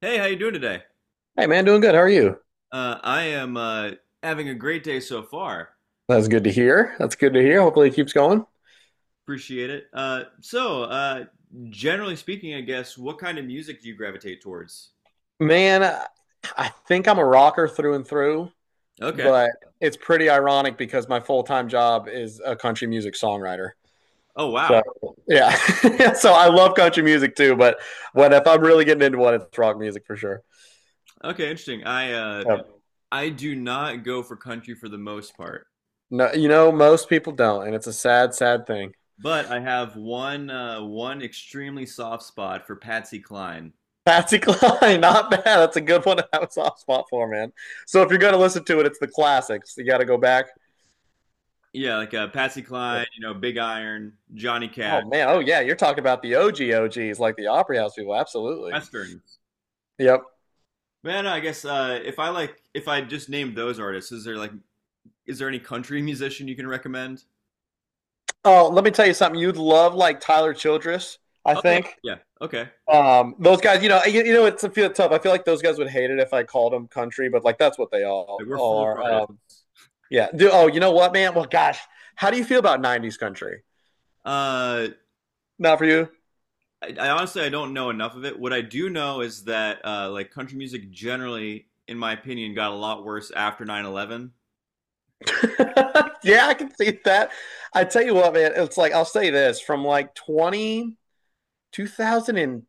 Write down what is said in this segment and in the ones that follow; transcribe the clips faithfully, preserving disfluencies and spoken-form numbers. Hey, how you doing today? Hey man, doing good. How are you? Uh, I am uh, having a great day so far. That's good to hear. That's good to hear. Hopefully it keeps going. Appreciate it. Uh, so, uh, generally speaking, I guess, what kind of music do you gravitate towards? Man, I I think I'm a rocker through and through, Okay. but it's pretty ironic because my full-time job is a country music songwriter. Oh, So, wow. yeah. So I love country music too, but when if I'm really getting into one, it's rock music for sure. Okay, interesting. I uh, Yep. I do not go for country for the most part, No, you know, most people don't, and it's a sad, sad thing. but I have one uh, one extremely soft spot for Patsy Cline. Patsy Cline, not bad. That's a good one to have a soft spot for, man. So if you're gonna listen to it, it's the classics. You got to go back. Yeah, like uh, Patsy Cline, you know, Big Iron, Johnny Cash, Oh man, oh yeah, you're talking about the O G O Gs, like the Opry House people. Absolutely. Westerns. Yep. Man, I guess uh, if I like, if I just named those artists, is there like Is there any country musician you can recommend? Oh, let me tell you something. You'd love like Tyler Childress, I Oh yeah, think. yeah. Okay, Um, those guys, you know, you, you know, it's a feel tough. I feel like those guys would hate it if I called them country, but like that's what they all, we're all full of are. Um, artists. yeah. Do, oh, you know what, man? Well, gosh, how do you feel about nineties country? Uh, Not for you. I, I honestly I don't know enough of it. What I do know is that uh, like country music generally, in my opinion, got a lot worse after nine eleven. Like, yeah, I can see that. I tell you what, man, it's like I'll say this from like twenty two thousand, and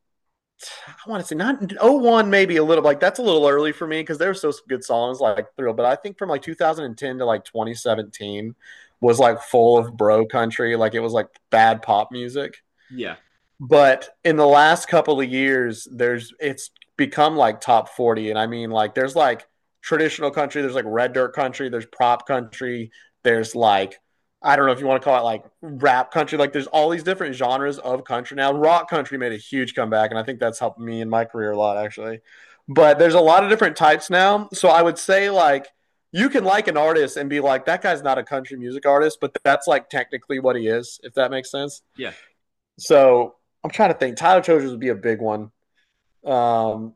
I want to say not oh one, maybe a little, like that's a little early for me because there were still some good songs like thrill, but I think from like twenty ten to like twenty seventeen was like full of bro country, like it was like bad pop music. yeah, But in the last couple of years there's it's become like top forty. And I mean like there's like traditional country, there's like red dirt country, there's prop country, there's like, I don't know if you want to call it like rap country. Like there's all these different genres of country now. Rock country made a huge comeback, and I think that's helped me in my career a lot actually. But there's a lot of different types now, so I would say like you can like an artist and be like, that guy's not a country music artist, but that's like technically what he is, if that makes sense. yeah. So I'm trying to think. Tyler Childers would be a big one. Um,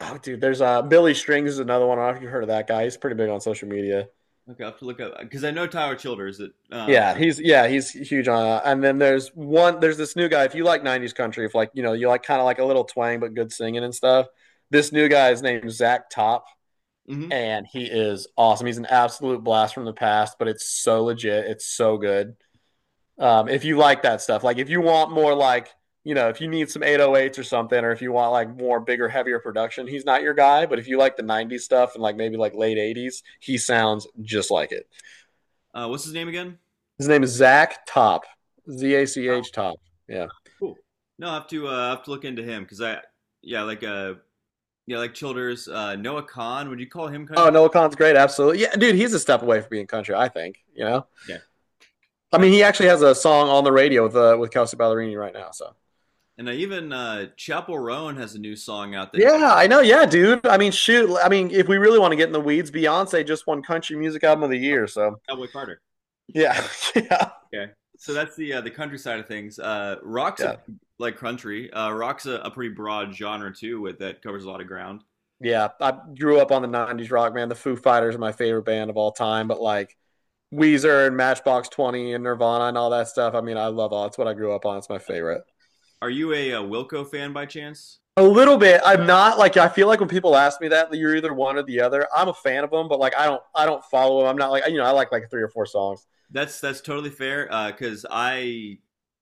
oh, dude, there's uh, Billy Strings is another one. I don't know if you heard of that guy. He's pretty big on social media. Okay, I will have to look up because I know Tyler Childers. That uh, Yeah, he's yeah he's huge on. Uh, and then there's one. There's this new guy. If you like nineties country, if like you know you like kind of like a little twang but good singing and stuff. This new guy is named Zach Top, mhm. and he is awesome. He's an absolute blast from the past, but it's so legit. It's so good. Um, if you like that stuff, like if you want more, like you know, if you need some eight oh eights or something, or if you want like more bigger, heavier production, he's not your guy. But if you like the nineties stuff and like maybe like late eighties, he sounds just like it. Uh, what's his name again? His name is Zach Top, Z A C H Top. Yeah. Cool. No, I have to uh, I have to look into him because I yeah like uh yeah like Childers. Uh, Noah Kahn. Would you call him Oh, country? Noah Khan's great. Absolutely. Yeah, dude, he's a step away from being country, I think. You know, Yeah. I No, mean, he actually has a song on the radio with uh, with Kelsey Ballerini right now. So and uh, even uh, Chapel Roan has a new song out that yeah, I know. Yeah, dude. I mean, shoot. I mean, if we really want to get in the weeds, Beyonce just won Country Music Album of the Year. So Cowboy Carter. Yeah, yeah, Okay, so that's the uh, the country side of things. Uh, rock's a, yeah, like country. Uh, rock's a, a pretty broad genre too, with that covers a lot of ground. yeah. I grew up on the nineties rock, man. The Foo Fighters are my favorite band of all time, but like Weezer and Matchbox Twenty and Nirvana and all that stuff. I mean, I love all. It's what I grew up on. It's my favorite. Are you a, uh Wilco fan by chance? A little bit. I'm not like I feel like when people ask me that you're either one or the other. I'm a fan of them, but like I don't I don't follow them. I'm not like you know I like like three or four songs. That's that's totally fair because uh, I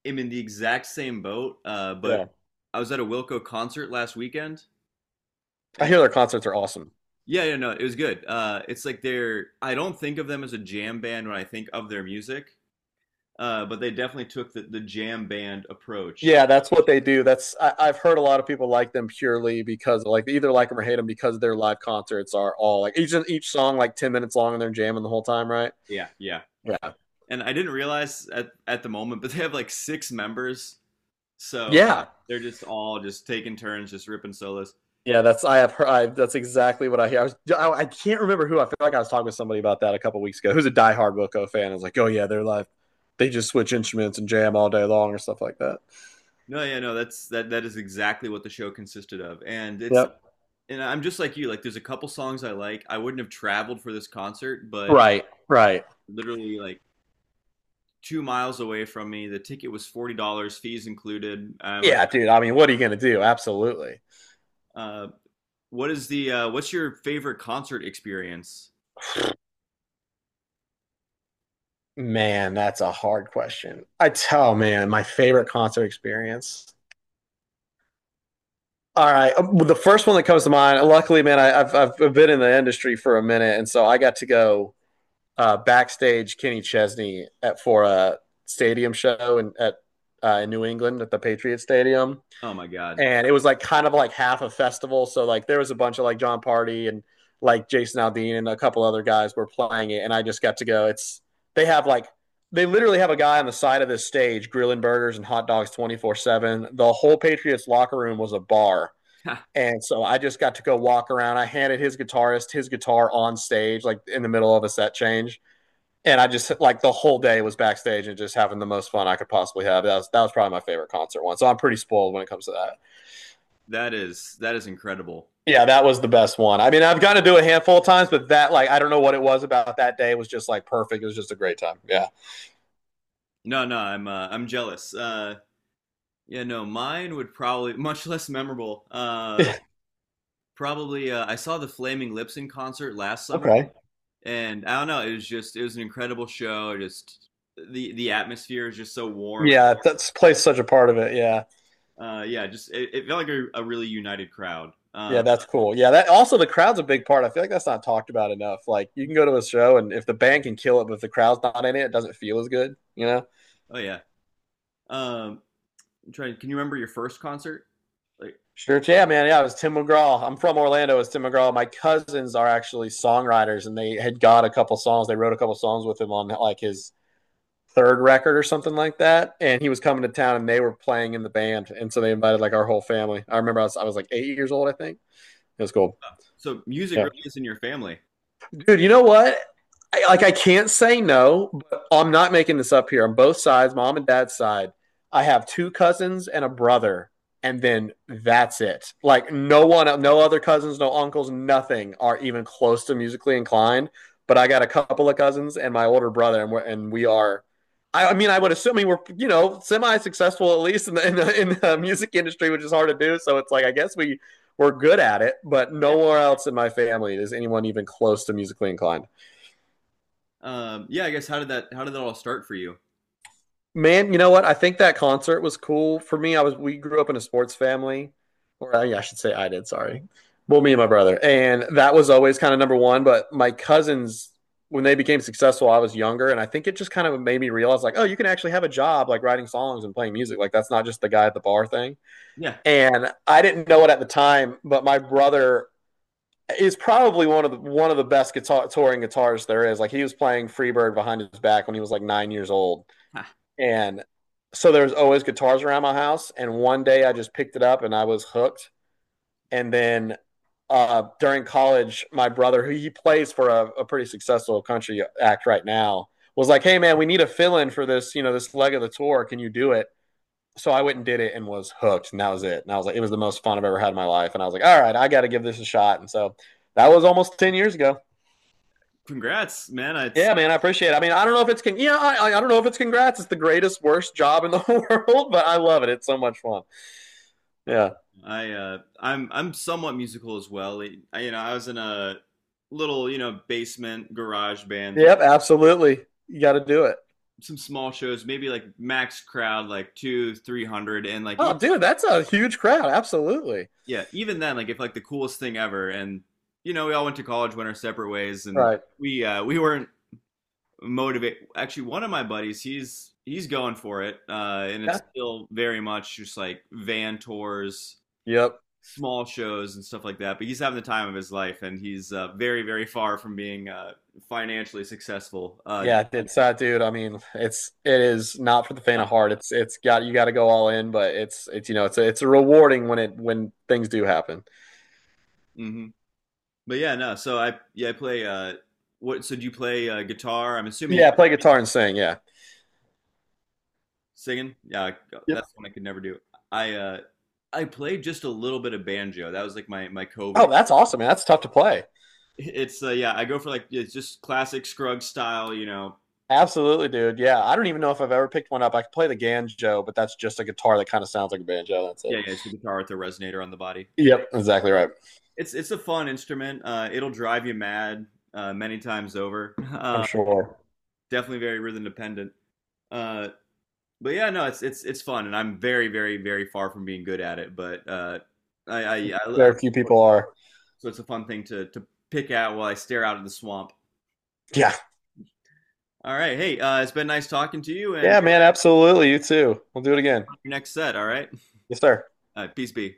am in the exact same boat. Uh, but Yeah, I was at a Wilco concert last weekend, I and hear their concerts are awesome. yeah, yeah, no, it was good. Uh, it's like they're I don't think of them as a jam band when I think of their music. Uh, but They definitely took the, the jam band approach. Yeah, that's what they do. That's I, I've heard a lot of people like them purely because like they either like them or hate them because their live concerts are all like each each song like ten minutes long and they're jamming the whole time, right? Yeah, yeah. Yeah, And I didn't realize at, at the moment, but they have like six members. So yeah, they're just all just taking turns, just ripping solos. yeah. That's I have heard. I, that's exactly what I hear. I, was, I, I can't remember who. I feel like I was talking with somebody about that a couple weeks ago. Who's a diehard Wilco fan? I was like, oh yeah, they're live. They just switch instruments and jam all day long or stuff like that. No, yeah, no, that's that that is exactly what the show consisted of. And it's Yep. And I'm just like you, like there's a couple songs I like. I wouldn't have traveled for this concert, but Right. Right. literally like two miles away from me, the ticket was forty dollars, fees included. I'm like, Yeah, dude. I mean, what are you gonna do? Absolutely. uh, what is the uh, what's your favorite concert experience? Man, that's a hard question. I tell, man, my favorite concert experience. All right, um, well, the first one that comes to mind. Luckily, man, I, I've I've been in the industry for a minute, and so I got to go uh, backstage Kenny Chesney at for a stadium show in at uh, in New England at the Patriot Stadium, Oh my god. and it was like kind of like half a festival. So like there was a bunch of like John Party and like Jason Aldean and a couple other guys were playing it, and I just got to go. It's they have like they literally have a guy on the side of this stage grilling burgers and hot dogs twenty four seven. The whole Patriots locker room was a bar. Ha, And so I just got to go walk around. I handed his guitarist his guitar on stage, like in the middle of a set change. And I just like the whole day was backstage and just having the most fun I could possibly have. That was that was probably my favorite concert one. So I'm pretty spoiled when it comes to that. that is that is incredible. Yeah, that was the best one. I mean, I've got to do a handful of times, but that, like, I don't know what it was about that day. It was just like perfect. It was just a great time. Yeah. No, no, I'm uh, I'm jealous. Uh, yeah, no, mine would probably much less memorable. Uh, probably uh, I saw the Flaming Lips in concert last summer, okay. and I don't know, it was just it was an incredible show. Just the the atmosphere is just so warm. Yeah, that's plays such a part of it. Yeah. Uh, yeah, just it, it felt like a, a really united crowd. Uh, Yeah, that's cool. Yeah, that also the crowd's a big part. I feel like that's not talked about enough. Like, you can go to a show and if the band can kill it, but if the crowd's not in it, it doesn't feel as good, you know? Oh yeah. Um, I'm trying. Can you remember your first concert? Like, Sure. Yeah, man. Yeah, it was Tim McGraw. I'm from Orlando. It's Tim McGraw. My cousins are actually songwriters, and they had got a couple songs. They wrote a couple songs with him on like his third record or something like that. And he was coming to town and they were playing in the band. And so they invited like our whole family. I remember I was, I was like eight years old, I think. It was cool. so music Yeah. really is in your family. Dude, you know what? I, like I can't say no, but I'm not making this up here. On both sides, mom and dad's side, I have two cousins and a brother, and then that's it. Like no one, no other cousins, no uncles, nothing are even close to musically inclined. But I got a couple of cousins and my older brother, and, we're, and we are. I, I mean, I would assume we were, you know, semi-successful at least in the, in the in the music industry, which is hard to do. So it's like I guess we were good at it, but Yeah. nowhere else in my family is anyone even close to musically inclined. Um, yeah, I guess how did that how did that all start for you? Man, you know what? I think that concert was cool for me. I was we grew up in a sports family, or uh, yeah, I should say I did. Sorry, well, me and my brother, and that was always kind of number one. But my cousins, when they became successful, I was younger, and I think it just kind of made me realize like, oh, you can actually have a job like writing songs and playing music. Like that's not just the guy at the bar thing. Yeah. And I didn't know it at the time, but my brother is probably one of the one of the best guitar touring guitarists there is. Like he was playing Freebird behind his back when he was like nine years old, and so there was always guitars around my house. And one day I just picked it up and I was hooked. And then uh, during college, my brother, who he plays for a, a pretty successful country act right now, was like, "Hey man, we need a fill-in for this, you know, this leg of the tour. Can you do it?" So I went and did it and was hooked, and that was it. And I was like, it was the most fun I've ever had in my life. And I was like, all right, I got to give this a shot. And so that was almost ten years ago. Congrats, man. I, Yeah, man, I appreciate it. I mean, I don't know if it's con- yeah, I, I don't know if it's congrats. It's the greatest worst job in the world, but I love it. It's so much fun. Yeah. I, uh, I'm, I'm somewhat musical as well. I, you know, I was in a little, you know, basement garage band through Yep, absolutely. You got to do it. some small shows, maybe like max crowd, like two, three hundred, and like, e Oh, dude, that's a huge crowd. Absolutely. yeah, even then, like, if like the coolest thing ever. And you know, we all went to college, went our separate ways, and Right. we, uh, we weren't motivated. Actually, one of my buddies, he's, he's going for it, uh, and it's Yeah. still very much just like van tours. Yep. Small shows and stuff like that. But he's having the time of his life, and he's uh, very, very far from being uh, financially successful. Uh, Yeah, it's uh, dude. I mean, it's it is not for the faint of heart. It's it's got you got to go all in, but it's it's you know it's a, it's a rewarding when it when things do happen. mhm. But yeah, no. So I yeah I play. Uh, what? So do you play uh, guitar? I'm assuming you Yeah, play guitar and sing. Yeah. singing. Yeah, that's Yep. one I could never do. I uh, I played just a little bit of banjo. That was like my my COVID. Oh, that's awesome, man. That's tough to play. It's uh, yeah. I go for like yeah, it's just classic Scruggs style. You know. Absolutely, dude. Yeah, I don't even know if I've ever picked one up. I could play the banjo, but that's just a guitar that kind of sounds like a banjo. That's Yeah, it. yeah. It's the guitar with the resonator on the body. Yep, exactly right. It's it's a fun instrument. Uh, it'll drive you mad uh, many times over. I'm sure Definitely very rhythm dependent. Uh, but Yeah, no, it's it's it's fun, and I'm very very very far from being good at it. But uh, I, I, I, I very few people are. So it's a fun thing to to pick at while I stare out at the swamp. Yeah, All right, hey, uh, it's been nice talking to you, and yeah, man. Absolutely, you too. We'll do it again. your next set. All right, Yes, sir. all right peace be.